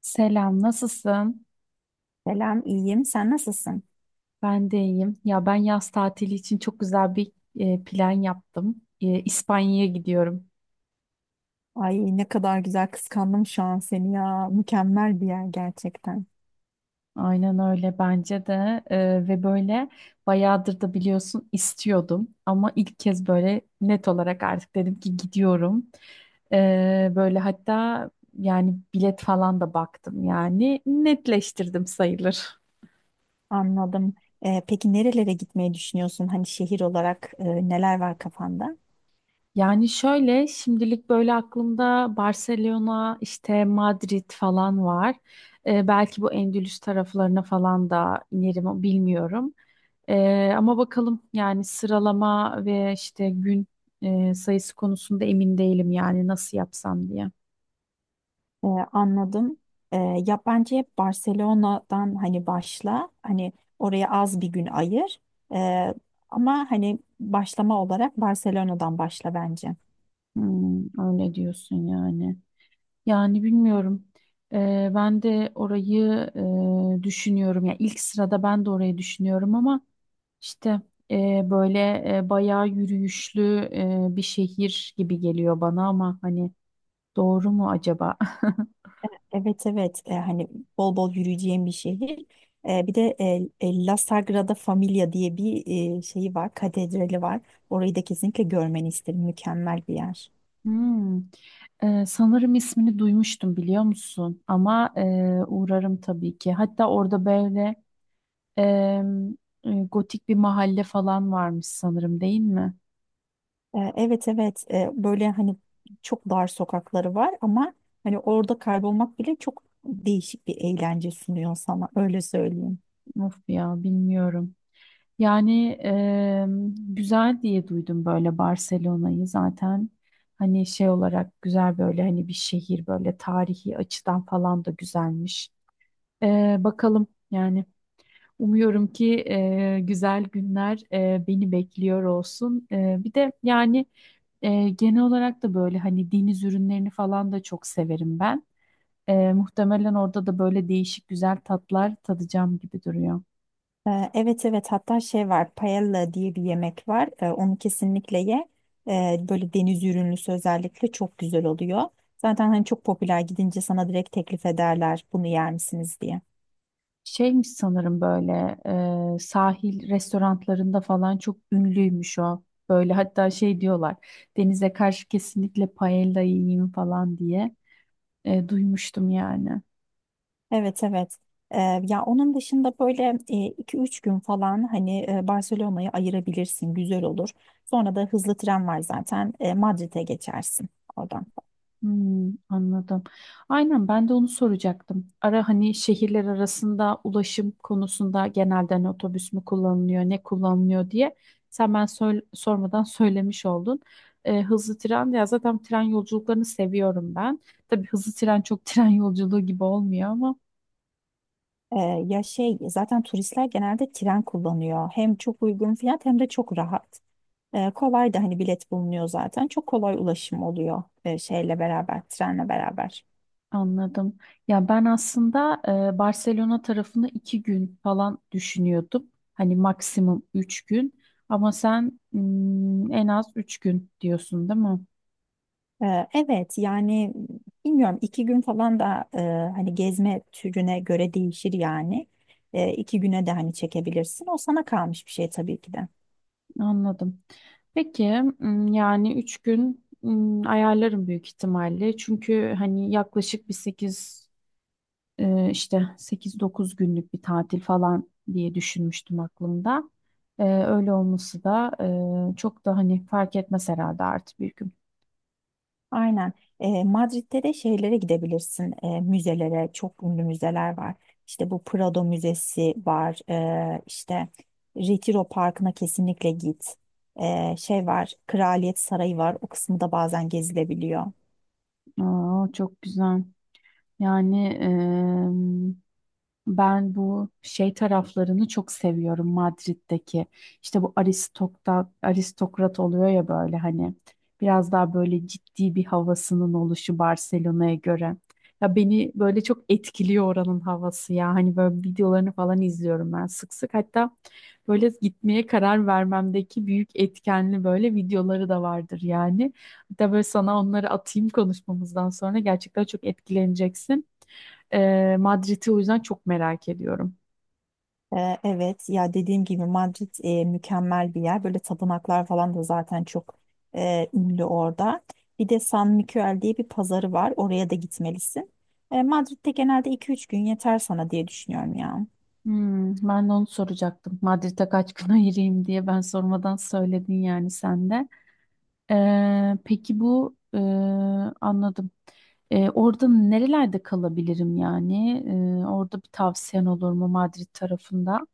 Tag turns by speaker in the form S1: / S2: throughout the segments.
S1: Selam, nasılsın?
S2: Selam, iyiyim. Sen nasılsın?
S1: Ben de iyiyim. Ya ben yaz tatili için çok güzel bir plan yaptım. İspanya'ya gidiyorum.
S2: Ay ne kadar güzel kıskandım şu an seni ya. Mükemmel bir yer gerçekten.
S1: Aynen öyle bence de, ve böyle bayağıdır da biliyorsun istiyordum ama ilk kez böyle net olarak artık dedim ki gidiyorum. Böyle hatta yani bilet falan da baktım, yani netleştirdim sayılır.
S2: Anladım. Peki nerelere gitmeyi düşünüyorsun? Hani şehir olarak neler var kafanda?
S1: Yani şöyle şimdilik böyle aklımda Barcelona, işte Madrid falan var. Belki bu Endülüs taraflarına falan da inerim, bilmiyorum. Ama bakalım, yani sıralama ve işte gün sayısı konusunda emin değilim, yani nasıl yapsam diye.
S2: Anladım. Ee, ya bence hep Barcelona'dan hani başla. Hani oraya az bir gün ayır. Ee, Ama hani başlama olarak Barcelona'dan başla bence.
S1: Hmm, öyle diyorsun yani. Yani bilmiyorum. Ben de orayı düşünüyorum. Yani ilk sırada ben de orayı düşünüyorum ama işte, böyle bayağı yürüyüşlü bir şehir gibi geliyor bana, ama hani doğru mu acaba?
S2: Evet, evet, hani bol bol yürüyeceğim bir şehir. Bir de La Sagrada Familia diye bir şeyi var, katedrali var. Orayı da kesinlikle görmeni isterim. Mükemmel bir yer.
S1: Hmm. Sanırım ismini duymuştum, biliyor musun? Ama uğrarım tabii ki. Hatta orada böyle e, gotik bir mahalle falan varmış sanırım, değil mi?
S2: Evet, evet, böyle hani çok dar sokakları var ama hani orada kaybolmak bile çok değişik bir eğlence sunuyor sana, öyle söyleyeyim.
S1: Of ya bilmiyorum. Yani güzel diye duydum böyle Barcelona'yı zaten, hani şey olarak güzel, böyle hani bir şehir, böyle tarihi açıdan falan da güzelmiş. Bakalım yani, umuyorum ki güzel günler beni bekliyor olsun. Bir de yani genel olarak da böyle hani deniz ürünlerini falan da çok severim ben. Muhtemelen orada da böyle değişik güzel tatlar tadacağım gibi duruyor.
S2: Evet, evet, hatta şey var, paella diye bir yemek var. Onu kesinlikle ye. Böyle deniz ürünlüsü özellikle çok güzel oluyor, zaten hani çok popüler, gidince sana direkt teklif ederler, bunu yer misiniz diye.
S1: Şeymiş sanırım, böyle sahil restoranlarında falan çok ünlüymüş o. Böyle hatta şey diyorlar, denize karşı kesinlikle paella yiyeyim falan diye duymuştum yani.
S2: Evet, evet. Ee, ya onun dışında böyle iki üç gün falan hani Barcelona'yı ayırabilirsin. Güzel olur. Sonra da hızlı tren var zaten. Madrid'e geçersin oradan.
S1: Hmm, anladım. Aynen, ben de onu soracaktım. Ara hani şehirler arasında ulaşım konusunda genelde hani otobüs mü kullanılıyor, ne kullanılıyor diye sen ben sormadan söylemiş oldun. Hızlı tren ya, zaten tren yolculuklarını seviyorum ben. Tabii hızlı tren çok tren yolculuğu gibi olmuyor ama.
S2: Ee, ya şey, zaten turistler genelde tren kullanıyor. Hem çok uygun fiyat hem de çok rahat. Kolay da hani bilet bulunuyor zaten. Çok kolay ulaşım oluyor şeyle beraber, trenle beraber.
S1: Anladım. Ya ben aslında Barcelona tarafını 2 gün falan düşünüyordum. Hani maksimum 3 gün. Ama sen en az 3 gün diyorsun, değil mi?
S2: Evet yani, bilmiyorum, iki gün falan da hani gezme türüne göre değişir yani. İki güne de hani çekebilirsin. O sana kalmış bir şey tabii ki de.
S1: Anladım. Peki, yani 3 gün ayarlarım büyük ihtimalle. Çünkü hani yaklaşık bir sekiz e, işte 8-9 günlük bir tatil falan diye düşünmüştüm aklımda. Öyle olması da çok da hani fark etmez herhalde artık bir gün.
S2: Aynen. Madrid'de de şeylere gidebilirsin. Müzelere, çok ünlü müzeler var. İşte bu Prado Müzesi var. İşte Retiro Parkı'na kesinlikle git. Şey var, Kraliyet Sarayı var. O kısmı da bazen gezilebiliyor.
S1: Aa, çok güzel. Yani ben bu şey taraflarını çok seviyorum, Madrid'deki. İşte bu aristokrat oluyor ya, böyle hani biraz daha böyle ciddi bir havasının oluşu Barcelona'ya göre. Ya beni böyle çok etkiliyor oranın havası ya. Hani böyle videolarını falan izliyorum ben sık sık. Hatta böyle gitmeye karar vermemdeki büyük etkenli böyle videoları da vardır yani. Hatta böyle sana onları atayım konuşmamızdan sonra, gerçekten çok etkileneceksin. Madrid'i o yüzden çok merak ediyorum.
S2: Evet, ya dediğim gibi Madrid mükemmel bir yer. Böyle tapınaklar falan da zaten çok ünlü orada. Bir de San Miguel diye bir pazarı var. Oraya da gitmelisin. Madrid'de genelde iki üç gün yeter sana diye düşünüyorum ya.
S1: Hmm, ben de onu soracaktım. Madrid'e kaç gün ayırayım diye ben sormadan söyledin yani sen de. Peki bu, anladım. Orada nerelerde kalabilirim yani? Orada bir tavsiyen olur mu Madrid tarafında?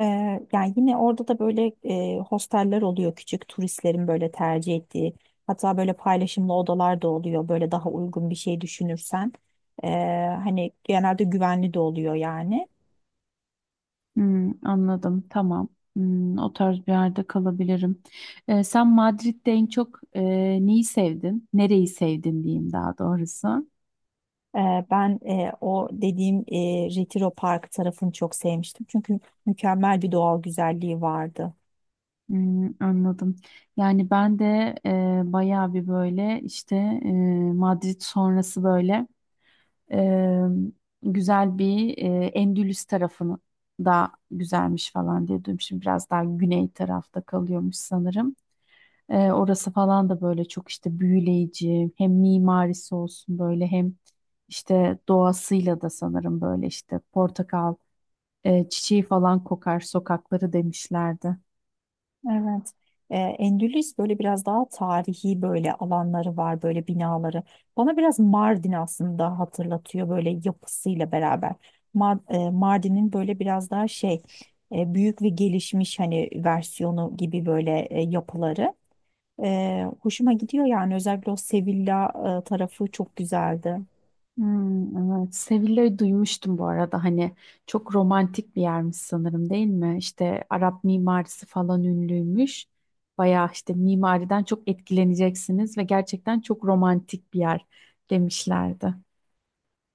S2: Yani yine orada da böyle hosteller oluyor, küçük turistlerin böyle tercih ettiği. Hatta böyle paylaşımlı odalar da oluyor, böyle daha uygun bir şey düşünürsen. Ee, Hani genelde güvenli de oluyor yani.
S1: Hmm, anladım. Tamam. Hmm, o tarz bir yerde kalabilirim. Sen Madrid'de en çok neyi sevdin? Nereyi sevdin diyeyim daha doğrusu.
S2: Ben o dediğim Retiro Park tarafını çok sevmiştim. Çünkü mükemmel bir doğal güzelliği vardı.
S1: Hmm, anladım. Yani ben de bayağı bir böyle, işte e, Madrid sonrası böyle e, güzel bir Endülüs tarafını da güzelmiş falan diye duydum. Şimdi biraz daha güney tarafta kalıyormuş sanırım. Orası falan da böyle çok işte büyüleyici, hem mimarisi olsun, böyle hem işte doğasıyla da sanırım, böyle işte portakal çiçeği falan kokar sokakları demişlerdi.
S2: Evet. Endülüs böyle biraz daha tarihi, böyle alanları var, böyle binaları. Bana biraz Mardin aslında hatırlatıyor böyle yapısıyla beraber. Mardin'in böyle biraz daha şey, büyük ve gelişmiş hani versiyonu gibi böyle yapıları. Hoşuma gidiyor yani, özellikle o Sevilla tarafı çok güzeldi.
S1: Hmm, evet. Sevilla'yı duymuştum bu arada. Hani çok romantik bir yermiş sanırım, değil mi? İşte Arap mimarisi falan ünlüymüş. Bayağı işte mimariden çok etkileneceksiniz ve gerçekten çok romantik bir yer demişlerdi.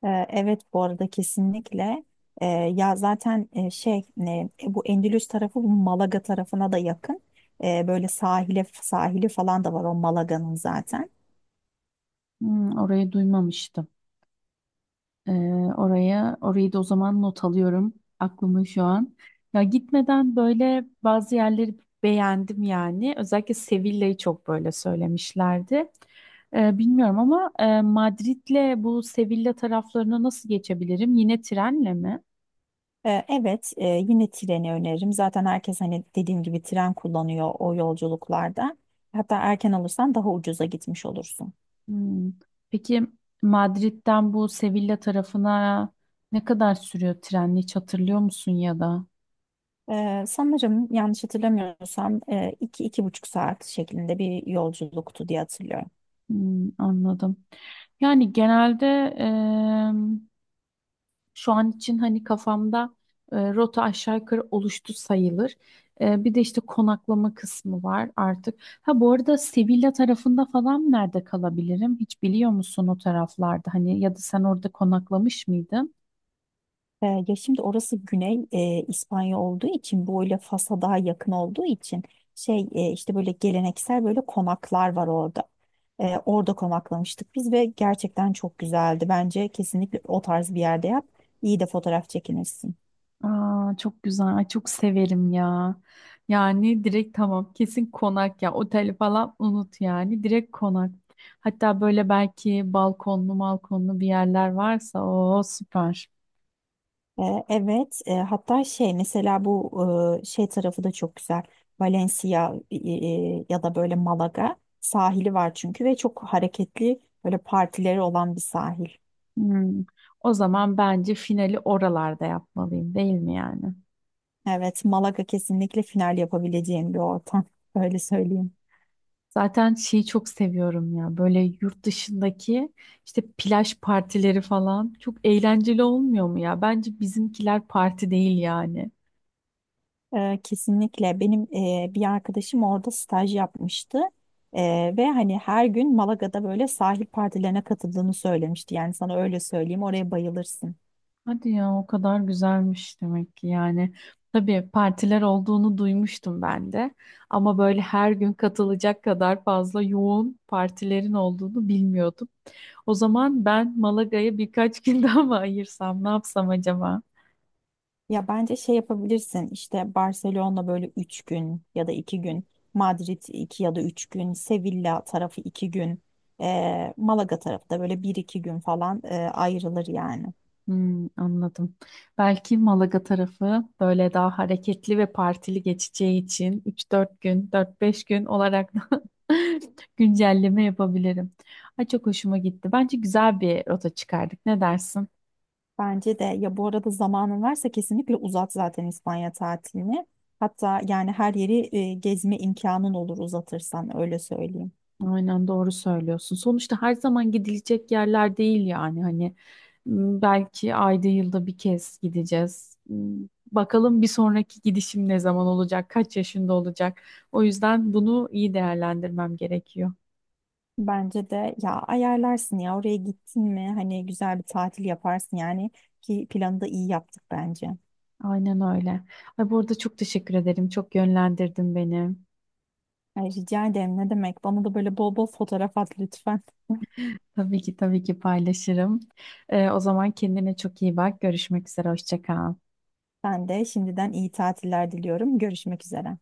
S2: Evet, bu arada kesinlikle. Ya zaten şey ne, bu Endülüs tarafı bu Malaga tarafına da yakın. Böyle sahili falan da var o Malaga'nın zaten.
S1: Hmm, orayı duymamıştım. Ee, orayı da o zaman not alıyorum aklımın şu an. Ya gitmeden böyle bazı yerleri beğendim yani. Özellikle Sevilla'yı çok böyle söylemişlerdi. Bilmiyorum ama Madrid'le bu Sevilla taraflarına nasıl geçebilirim? Yine trenle mi?
S2: Evet, yine treni öneririm. Zaten herkes hani dediğim gibi tren kullanıyor o yolculuklarda. Hatta erken alırsan daha ucuza gitmiş olursun.
S1: Hmm. Peki Madrid'den bu Sevilla tarafına ne kadar sürüyor trenle, hiç hatırlıyor musun, ya da?
S2: Sanırım yanlış hatırlamıyorsam iki iki buçuk saat şeklinde bir yolculuktu diye hatırlıyorum.
S1: Hmm, anladım. Yani genelde, şu an için hani kafamda rota aşağı yukarı oluştu sayılır. Bir de işte konaklama kısmı var artık. Ha bu arada Sevilla tarafında falan nerede kalabilirim? Hiç biliyor musun o taraflarda? Hani ya da sen orada konaklamış mıydın?
S2: Ya şimdi orası Güney İspanya olduğu için, böyle Fas'a daha yakın olduğu için şey, işte böyle geleneksel böyle konaklar var orada. Orada konaklamıştık biz ve gerçekten çok güzeldi. Bence kesinlikle o tarz bir yerde yap. İyi de fotoğraf çekinirsin.
S1: Aa, çok güzel. Ay, çok severim ya. Yani direkt tamam, kesin konak ya. Oteli falan unut yani. Direkt konak. Hatta böyle belki balkonlu balkonlu bir yerler varsa o süper.
S2: Evet, hatta şey mesela bu şey tarafı da çok güzel. Valencia ya da böyle Malaga sahili var, çünkü ve çok hareketli böyle partileri olan bir sahil.
S1: Hmm. O zaman bence finali oralarda yapmalıyım, değil mi yani?
S2: Evet, Malaga kesinlikle final yapabileceğim bir ortam. Öyle söyleyeyim.
S1: Zaten şeyi çok seviyorum ya, böyle yurt dışındaki işte plaj partileri falan çok eğlenceli olmuyor mu ya? Bence bizimkiler parti değil yani.
S2: Kesinlikle benim bir arkadaşım orada staj yapmıştı. Ve hani her gün Malaga'da böyle sahil partilerine katıldığını söylemişti. Yani sana öyle söyleyeyim, oraya bayılırsın.
S1: Hadi ya, o kadar güzelmiş demek ki yani. Tabii partiler olduğunu duymuştum ben de, ama böyle her gün katılacak kadar fazla yoğun partilerin olduğunu bilmiyordum. O zaman ben Malaga'ya birkaç gün daha mı ayırsam, ne yapsam acaba?
S2: Ya bence şey yapabilirsin, işte Barcelona böyle 3 gün ya da iki gün, Madrid 2 ya da 3 gün, Sevilla tarafı 2 gün, Malaga tarafı da böyle bir 2 gün falan ayrılır yani.
S1: Hmm, anladım. Belki Malaga tarafı böyle daha hareketli ve partili geçeceği için 3-4 gün, 4-5 gün olarak da güncelleme yapabilirim. Ay çok hoşuma gitti. Bence güzel bir rota çıkardık. Ne dersin?
S2: Bence de, ya bu arada zamanın varsa kesinlikle uzat zaten İspanya tatilini. Hatta yani her yeri gezme imkanın olur uzatırsan, öyle söyleyeyim.
S1: Aynen, doğru söylüyorsun. Sonuçta her zaman gidilecek yerler değil yani. Hani belki ayda yılda bir kez gideceğiz. Bakalım bir sonraki gidişim ne zaman olacak, kaç yaşında olacak. O yüzden bunu iyi değerlendirmem gerekiyor.
S2: Bence de ya, ayarlarsın ya, oraya gittin mi hani güzel bir tatil yaparsın yani, ki planı da iyi yaptık bence.
S1: Aynen öyle. Ay, bu arada çok teşekkür ederim. Çok yönlendirdin beni.
S2: Ay, rica ederim, ne demek, bana da böyle bol bol fotoğraf at lütfen.
S1: Tabii ki, tabii ki paylaşırım. O zaman kendine çok iyi bak. Görüşmek üzere. Hoşça kal.
S2: Ben de şimdiden iyi tatiller diliyorum. Görüşmek üzere.